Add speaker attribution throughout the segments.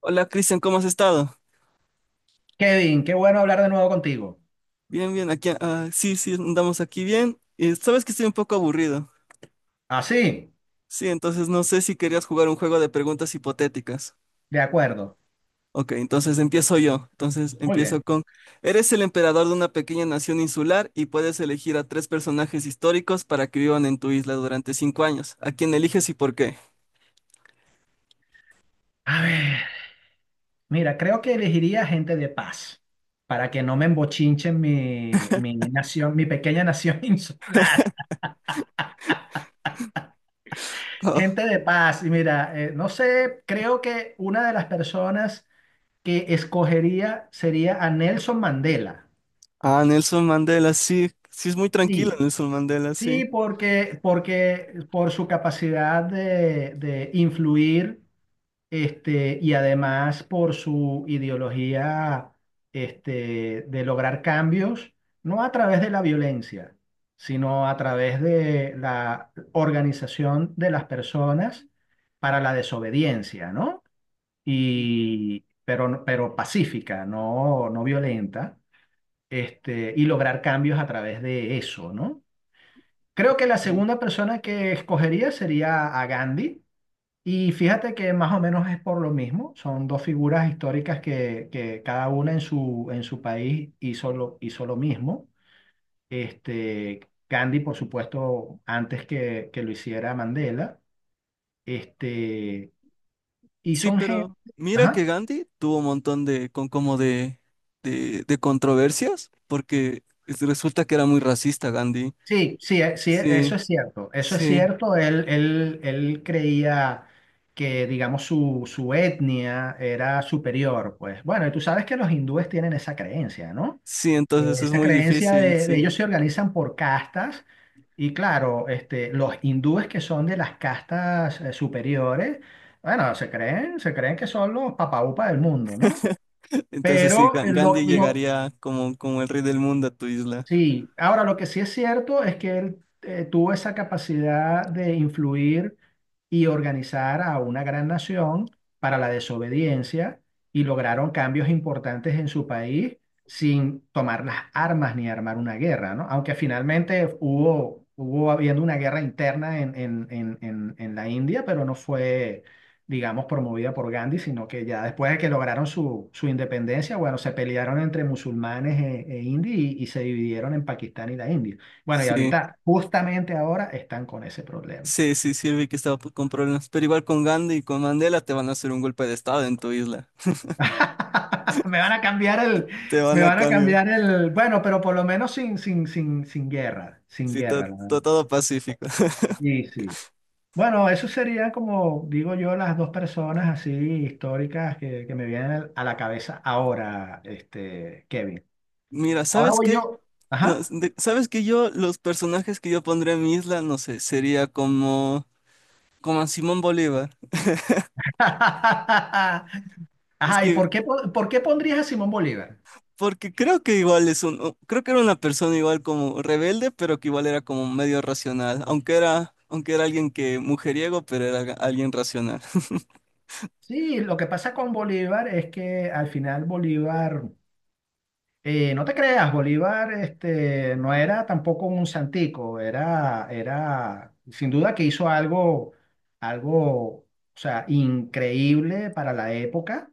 Speaker 1: Hola Cristian, ¿cómo has estado?
Speaker 2: Kevin, qué bueno hablar de nuevo contigo.
Speaker 1: Bien, bien, aquí, sí, sí, andamos aquí bien. Y sabes que estoy un poco aburrido.
Speaker 2: Así,
Speaker 1: Sí, entonces no sé si querías jugar un juego de preguntas hipotéticas.
Speaker 2: de acuerdo.
Speaker 1: Ok, entonces empiezo yo. Entonces
Speaker 2: Muy
Speaker 1: empiezo
Speaker 2: bien.
Speaker 1: con, eres el emperador de una pequeña nación insular y puedes elegir a tres personajes históricos para que vivan en tu isla durante cinco años. ¿A quién eliges y por qué?
Speaker 2: A ver, mira, creo que elegiría gente de paz para que no me embochinchen mi nación, mi pequeña nación insular. Gente de paz. Y mira, no sé, creo que una de las personas que escogería sería a Nelson Mandela.
Speaker 1: Ah, Nelson Mandela, sí, sí es muy tranquilo
Speaker 2: Sí,
Speaker 1: Nelson Mandela,
Speaker 2: sí,
Speaker 1: sí.
Speaker 2: porque por su capacidad de influir. Y además por su ideología, de lograr cambios, no a través de la violencia, sino a través de la organización de las personas para la desobediencia, ¿no? Y pero, no, pero pacífica, no, no violenta, y lograr cambios a través de eso, ¿no? Creo que la
Speaker 1: Sí.
Speaker 2: segunda persona que escogería sería a Gandhi, y fíjate que más o menos es por lo mismo, son dos figuras históricas que cada una en su país hizo lo mismo. Este, Gandhi, por supuesto, antes que lo hiciera Mandela. Este, y
Speaker 1: Sí,
Speaker 2: son gente...
Speaker 1: pero mira que
Speaker 2: Ajá.
Speaker 1: Gandhi tuvo un montón de, con como de, de controversias, porque resulta que era muy racista Gandhi.
Speaker 2: Sí, sí, sí,
Speaker 1: Sí,
Speaker 2: eso es cierto, eso es
Speaker 1: sí,
Speaker 2: cierto. Él creía que, digamos, su etnia era superior. Pues bueno, y tú sabes que los hindúes tienen esa creencia, ¿no?
Speaker 1: sí, entonces es
Speaker 2: Esa
Speaker 1: muy
Speaker 2: creencia
Speaker 1: difícil,
Speaker 2: de
Speaker 1: sí.
Speaker 2: ellos, se organizan por castas y claro, los hindúes que son de las castas superiores, bueno, se creen que son los papaupa del mundo, ¿no?
Speaker 1: Entonces sí,
Speaker 2: Pero eh, lo,
Speaker 1: Gandhi
Speaker 2: lo-
Speaker 1: llegaría como, como el rey del mundo a tu isla.
Speaker 2: Sí, ahora lo que sí es cierto es que él tuvo esa capacidad de influir y organizar a una gran nación para la desobediencia, y lograron cambios importantes en su país sin tomar las armas ni armar una guerra, ¿no? Aunque finalmente hubo habiendo una guerra interna en la India, pero no fue, digamos, promovida por Gandhi, sino que ya después de que lograron su independencia, bueno, se pelearon entre musulmanes e indios, y se dividieron en Pakistán y la India. Bueno, y
Speaker 1: Sí,
Speaker 2: ahorita, justamente ahora, están con ese problema.
Speaker 1: sí, sí, sí, vi que estaba con problemas. Pero igual con Gandhi y con Mandela te van a hacer un golpe de estado en tu isla.
Speaker 2: Me van a cambiar el,
Speaker 1: Te van
Speaker 2: me
Speaker 1: a
Speaker 2: van a
Speaker 1: cambiar.
Speaker 2: cambiar el, bueno, pero por lo menos sin, sin, sin, sin guerra, sin
Speaker 1: Sí,
Speaker 2: guerra, la verdad.
Speaker 1: todo, pacífico.
Speaker 2: Sí, sí. Bueno, eso serían, como digo yo, las dos personas así históricas que me vienen a la cabeza ahora, Kevin.
Speaker 1: Mira,
Speaker 2: Ahora
Speaker 1: ¿sabes
Speaker 2: voy
Speaker 1: qué?
Speaker 2: yo.
Speaker 1: No,
Speaker 2: Ajá.
Speaker 1: ¿sabes qué? Yo, los personajes que yo pondría en mi isla, no sé, sería como, como a Simón Bolívar. Es
Speaker 2: Ajá, ¿y
Speaker 1: que,
Speaker 2: por qué, por qué pondrías a Simón Bolívar?
Speaker 1: porque creo que igual es un, creo que era una persona igual como rebelde, pero que igual era como medio racional, aunque era alguien que mujeriego, pero era alguien racional.
Speaker 2: Sí, lo que pasa con Bolívar es que al final Bolívar, no te creas, Bolívar, no era tampoco un santico, era, era sin duda que hizo algo, algo, o sea, increíble para la época,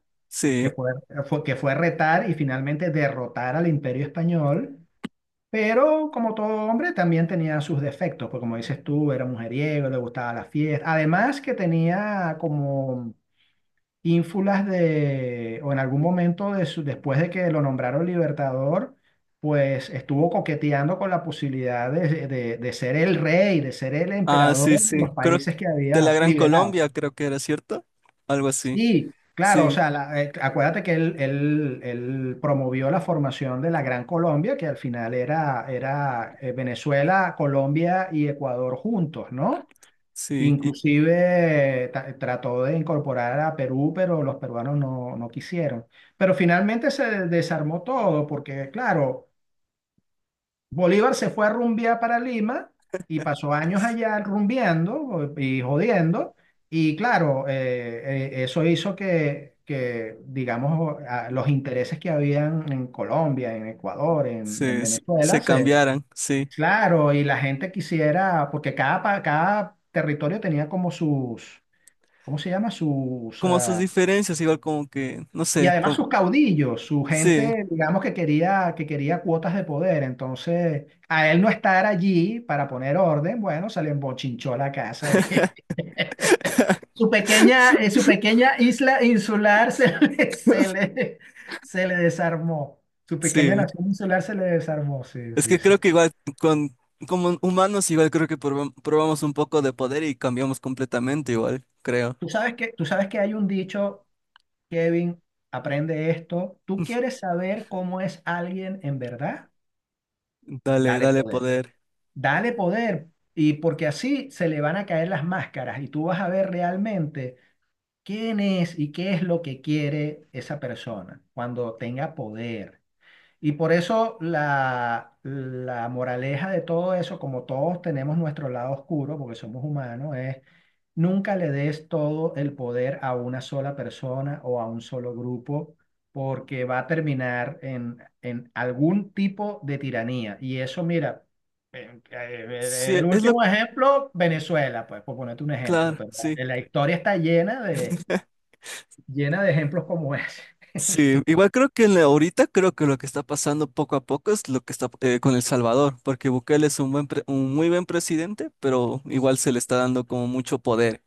Speaker 2: que
Speaker 1: Sí,
Speaker 2: fue, que fue retar y finalmente derrotar al Imperio Español. Pero como todo hombre también tenía sus defectos, porque como dices tú, era mujeriego, le gustaba la fiesta. Además que tenía como ínfulas de, o en algún momento de después de que lo nombraron libertador, pues estuvo coqueteando con la posibilidad de, de ser el rey, de ser el
Speaker 1: ah,
Speaker 2: emperador
Speaker 1: sí,
Speaker 2: de
Speaker 1: sí,
Speaker 2: los
Speaker 1: creo
Speaker 2: países que
Speaker 1: de la
Speaker 2: había
Speaker 1: Gran
Speaker 2: liberado.
Speaker 1: Colombia, creo que era, ¿cierto? Algo así,
Speaker 2: Sí, claro, o
Speaker 1: sí,
Speaker 2: sea, acuérdate que él él promovió la formación de la Gran Colombia, que al final era, era Venezuela, Colombia y Ecuador juntos, ¿no?
Speaker 1: sí, y
Speaker 2: Inclusive trató de incorporar a Perú, pero los peruanos no, no quisieron. Pero finalmente se desarmó todo, porque claro, Bolívar se fue a rumbear para Lima y pasó años allá rumbeando y jodiendo. Y claro, eso hizo que, digamos, los intereses que habían en Colombia, en Ecuador, en
Speaker 1: se, se
Speaker 2: Venezuela,
Speaker 1: se
Speaker 2: se,
Speaker 1: cambiaran, sí.
Speaker 2: claro, y la gente quisiera, porque cada, cada territorio tenía como sus, ¿cómo se llama? Sus,
Speaker 1: Como sus diferencias, igual como que, no
Speaker 2: y
Speaker 1: sé,
Speaker 2: además
Speaker 1: como,
Speaker 2: sus caudillos, su
Speaker 1: sí,
Speaker 2: gente, digamos, que quería cuotas de poder. Entonces, a él no estar allí para poner orden, bueno, se le embochinchó la casa. Su pequeña isla insular se le, se le desarmó. Su pequeña
Speaker 1: sí.
Speaker 2: nación insular se le desarmó. Sí,
Speaker 1: Es
Speaker 2: sí,
Speaker 1: que
Speaker 2: sí.
Speaker 1: creo que igual con, como humanos, igual creo que probamos un poco de poder y cambiamos completamente, igual, creo.
Speaker 2: Tú sabes que hay un dicho, Kevin, aprende esto. ¿Tú quieres saber cómo es alguien en verdad?
Speaker 1: Dale,
Speaker 2: Dale
Speaker 1: dale
Speaker 2: poder.
Speaker 1: poder.
Speaker 2: Dale poder, y porque así se le van a caer las máscaras y tú vas a ver realmente quién es y qué es lo que quiere esa persona cuando tenga poder. Y por eso la moraleja de todo eso, como todos tenemos nuestro lado oscuro, porque somos humanos, es nunca le des todo el poder a una sola persona o a un solo grupo, porque va a terminar en algún tipo de tiranía. Y eso, mira,
Speaker 1: Sí,
Speaker 2: el
Speaker 1: es lo,
Speaker 2: último ejemplo, Venezuela, pues, por ponerte un ejemplo,
Speaker 1: claro,
Speaker 2: pero
Speaker 1: sí.
Speaker 2: la historia está llena de, llena de ejemplos como ese.
Speaker 1: Sí, igual creo que en ahorita creo que lo que está pasando poco a poco es lo que está con El Salvador, porque Bukele es un buen un muy buen presidente, pero igual se le está dando como mucho poder.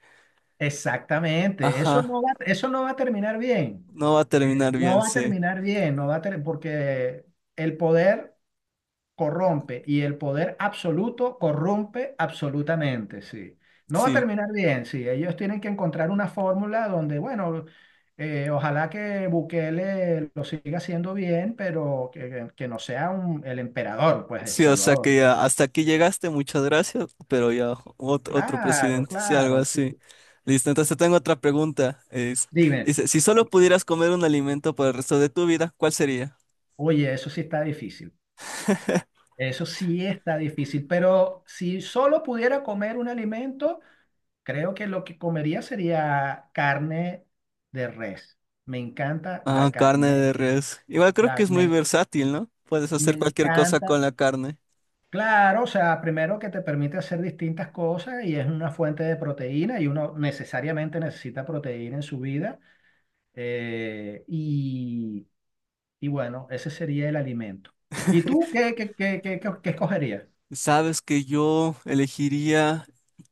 Speaker 2: Exactamente,
Speaker 1: Ajá,
Speaker 2: eso no va a terminar bien.
Speaker 1: no va a
Speaker 2: Eh,
Speaker 1: terminar
Speaker 2: no
Speaker 1: bien,
Speaker 2: va a
Speaker 1: sí,
Speaker 2: terminar bien, no va a ter- porque el poder corrompe y el poder absoluto corrompe absolutamente, sí. No va a
Speaker 1: sí.
Speaker 2: terminar bien, sí. Ellos tienen que encontrar una fórmula donde, bueno, ojalá que Bukele lo siga haciendo bien, pero que no sea el emperador, pues, El
Speaker 1: Sí, o sea que
Speaker 2: Salvador.
Speaker 1: ya hasta aquí llegaste, muchas gracias, pero ya otro, otro
Speaker 2: Claro,
Speaker 1: presidente, sí, algo
Speaker 2: claro,
Speaker 1: así.
Speaker 2: sí.
Speaker 1: Listo, entonces tengo otra pregunta. Es,
Speaker 2: Dime,
Speaker 1: dice, si solo pudieras comer un alimento por el resto de tu vida, ¿cuál sería?
Speaker 2: oye, eso sí está difícil. Eso sí está difícil, pero si solo pudiera comer un alimento, creo que lo que comería sería carne de res. Me encanta
Speaker 1: Ah,
Speaker 2: la
Speaker 1: carne
Speaker 2: carne,
Speaker 1: de res. Igual creo que
Speaker 2: la,
Speaker 1: es muy
Speaker 2: me,
Speaker 1: versátil, ¿no? Puedes
Speaker 2: me
Speaker 1: hacer cualquier cosa
Speaker 2: encanta.
Speaker 1: con la carne.
Speaker 2: Claro, o sea, primero que te permite hacer distintas cosas y es una fuente de proteína y uno necesariamente necesita proteína en su vida. eh, y, y bueno, ese sería el alimento. ¿Y tú qué escogerías?
Speaker 1: Sabes que yo elegiría,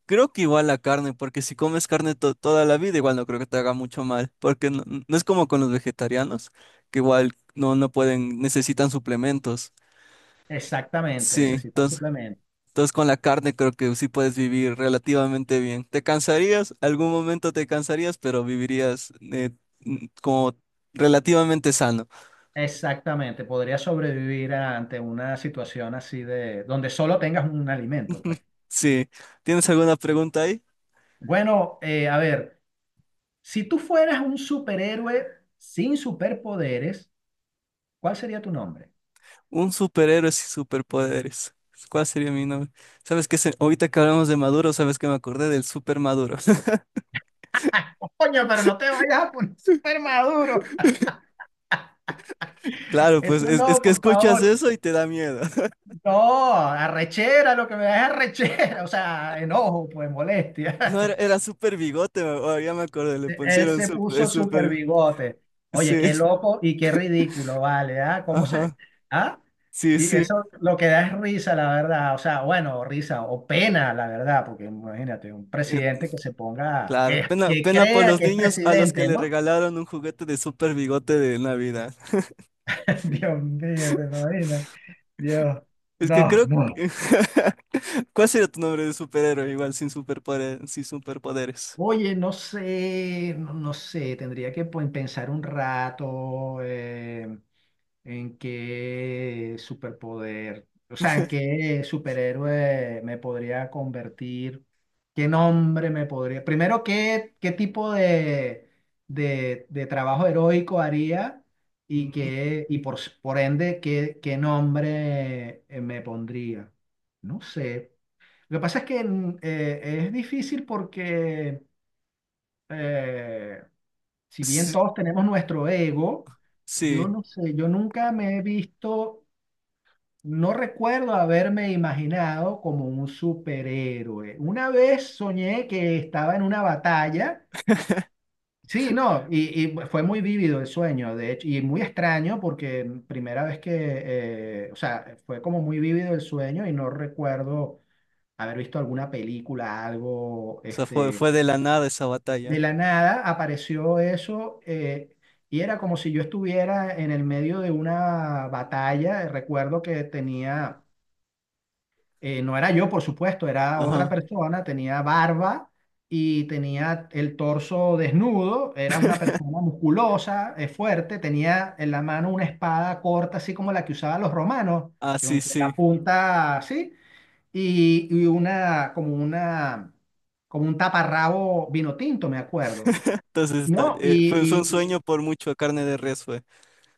Speaker 1: creo que igual la carne, porque si comes carne toda la vida, igual no creo que te haga mucho mal, porque no, no es como con los vegetarianos, que igual no, no pueden, necesitan suplementos.
Speaker 2: Exactamente,
Speaker 1: Sí,
Speaker 2: necesitas
Speaker 1: entonces,
Speaker 2: suplementos.
Speaker 1: entonces con la carne creo que sí puedes vivir relativamente bien. Te cansarías, algún momento te cansarías, pero vivirías como relativamente sano.
Speaker 2: Exactamente, podría sobrevivir ante una situación así de donde solo tengas un alimento, pues.
Speaker 1: Sí, ¿tienes alguna pregunta ahí?
Speaker 2: Bueno, a ver, si tú fueras un superhéroe sin superpoderes, ¿cuál sería tu nombre?
Speaker 1: Un superhéroe sin superpoderes. ¿Cuál sería mi nombre? ¿Sabes qué? Ahorita que hablamos de Maduro, ¿sabes que me acordé del super Maduro?
Speaker 2: ¡Ah, coño, pero no te vayas a poner super maduro!
Speaker 1: Claro, pues
Speaker 2: Eso
Speaker 1: es
Speaker 2: no,
Speaker 1: que
Speaker 2: por
Speaker 1: escuchas
Speaker 2: favor.
Speaker 1: eso y te da miedo.
Speaker 2: No, arrechera, lo que me da es arrechera, o sea, enojo, pues
Speaker 1: No, era,
Speaker 2: molestia.
Speaker 1: era super bigote, oh, ya me acordé, le
Speaker 2: Él
Speaker 1: pusieron
Speaker 2: se
Speaker 1: super,
Speaker 2: puso super
Speaker 1: super,
Speaker 2: bigote. Oye,
Speaker 1: sí,
Speaker 2: qué loco y qué ridículo, vale, ¿ah? ¿Cómo se...?
Speaker 1: ajá,
Speaker 2: ¿Ah?
Speaker 1: sí,
Speaker 2: Y
Speaker 1: sí.
Speaker 2: eso lo que da es risa, la verdad. O sea, bueno, o risa o pena, la verdad, porque imagínate, un
Speaker 1: Eh,
Speaker 2: presidente que se ponga,
Speaker 1: claro,
Speaker 2: que,
Speaker 1: pena,
Speaker 2: que
Speaker 1: pena por
Speaker 2: crea
Speaker 1: los
Speaker 2: que es
Speaker 1: niños a los que
Speaker 2: presidente,
Speaker 1: le
Speaker 2: ¿no?
Speaker 1: regalaron un juguete de super bigote de Navidad.
Speaker 2: Dios mío, te imaginas. Dios,
Speaker 1: Es que
Speaker 2: no,
Speaker 1: creo que-
Speaker 2: no.
Speaker 1: ¿Cuál sería tu nombre de superhéroe? Igual sin superpoder, sin superpoderes.
Speaker 2: Oye, no sé, tendría que, pues, pensar un rato. ¿En qué superpoder, o sea, en qué superhéroe me podría convertir? ¿Qué nombre me podría... Primero, ¿qué tipo de trabajo heroico haría? Y,
Speaker 1: Mm.
Speaker 2: qué, y por, por ende, ¿qué nombre me pondría? No sé. Lo que pasa es que es difícil porque eh, si bien todos tenemos nuestro ego, yo
Speaker 1: Sí,
Speaker 2: no sé, yo nunca me he visto, no recuerdo haberme imaginado como un superhéroe. Una vez soñé que estaba en una batalla. Sí, no, y fue muy vívido el sueño, de hecho, y muy extraño porque primera vez que, o sea, fue como muy vívido el sueño y no recuerdo haber visto alguna película, algo,
Speaker 1: o sea, fue, fue de la nada esa
Speaker 2: de
Speaker 1: batalla.
Speaker 2: la nada apareció eso, y era como si yo estuviera en el medio de una batalla. Recuerdo que tenía, no era yo, por supuesto, era otra
Speaker 1: Ajá.
Speaker 2: persona, tenía barba y tenía el torso desnudo, era una persona musculosa, fuerte, tenía en la mano una espada corta, así como la que usaban los romanos,
Speaker 1: Ah, sí,
Speaker 2: con la
Speaker 1: sí.
Speaker 2: punta así, y una, como un taparrabo vino tinto, me acuerdo.
Speaker 1: Entonces,
Speaker 2: No,
Speaker 1: fue, fue un
Speaker 2: y-
Speaker 1: sueño por mucho a carne de res, fue.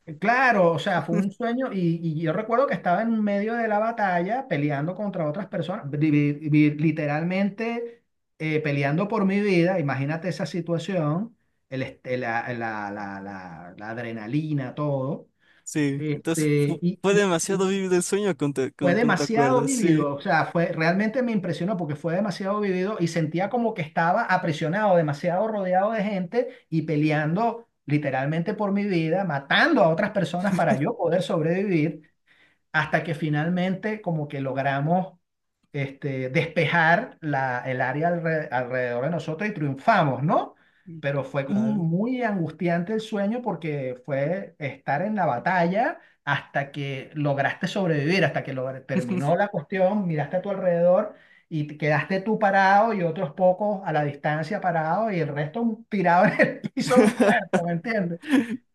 Speaker 2: claro, o sea, fue un sueño, y yo recuerdo que estaba en medio de la batalla peleando contra otras personas, literalmente peleando por mi vida, imagínate esa situación, el, este- la- la- la- la adrenalina, todo,
Speaker 1: Sí, entonces
Speaker 2: este, y,
Speaker 1: fue,
Speaker 2: y-
Speaker 1: demasiado
Speaker 2: y-
Speaker 1: vivido el sueño con,
Speaker 2: Fue
Speaker 1: con te
Speaker 2: demasiado
Speaker 1: acuerdas, sí.
Speaker 2: vivido, o sea, fue, realmente me impresionó porque fue demasiado vivido y sentía como que estaba aprisionado, demasiado rodeado de gente y peleando literalmente por mi vida, matando a otras personas para yo poder sobrevivir, hasta que finalmente como que logramos, despejar la, el área alrededor de nosotros, y triunfamos, ¿no?
Speaker 1: Mm,
Speaker 2: Pero fue como
Speaker 1: claro.
Speaker 2: muy angustiante el sueño, porque fue estar en la batalla hasta que lograste sobrevivir, hasta que terminó la cuestión, miraste a tu alrededor y te quedaste tú parado y otros pocos a la distancia parados y el resto tirado en el piso, muerto, ¿me entiendes?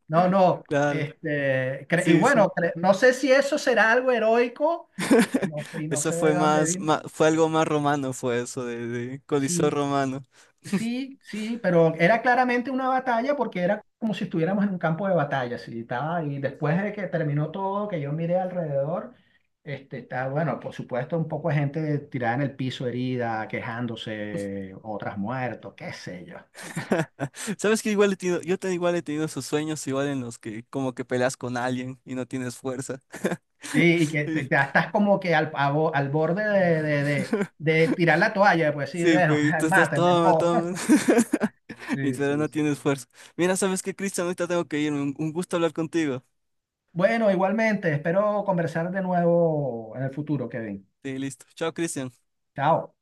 Speaker 2: No, no.
Speaker 1: Claro,
Speaker 2: Y
Speaker 1: sí, sí.
Speaker 2: bueno, no sé si eso será algo heroico, no sé, y no
Speaker 1: Eso
Speaker 2: sé de
Speaker 1: fue
Speaker 2: dónde
Speaker 1: más,
Speaker 2: vino.
Speaker 1: fue algo más romano, fue eso, de Coliseo
Speaker 2: Sí,
Speaker 1: romano.
Speaker 2: sí, sí, pero era claramente una batalla porque era como si estuviéramos en un campo de batalla, sí, estaba, y después de que terminó todo, que yo miré alrededor, está, bueno, por supuesto, un poco de gente tirada en el piso, herida, quejándose, otras muertos, qué sé yo.
Speaker 1: Sabes que igual he tenido, yo te, igual he tenido esos sueños igual en los que como que peleas con alguien y no tienes fuerza.
Speaker 2: Sí, y que
Speaker 1: Y-
Speaker 2: te, estás como que al, al borde de tirar la toalla, pues sí,
Speaker 1: Sí,
Speaker 2: bueno,
Speaker 1: pero y tú estás
Speaker 2: mátenme,
Speaker 1: toma,
Speaker 2: no.
Speaker 1: toma. Y
Speaker 2: Sí,
Speaker 1: pero
Speaker 2: sí,
Speaker 1: no
Speaker 2: sí.
Speaker 1: tienes fuerza. Mira, ¿sabes qué, Cristian? Ahorita tengo que irme. Un gusto hablar contigo.
Speaker 2: Bueno, igualmente, espero conversar de nuevo en el futuro, Kevin.
Speaker 1: Sí, listo. Chao, Cristian.
Speaker 2: Chao.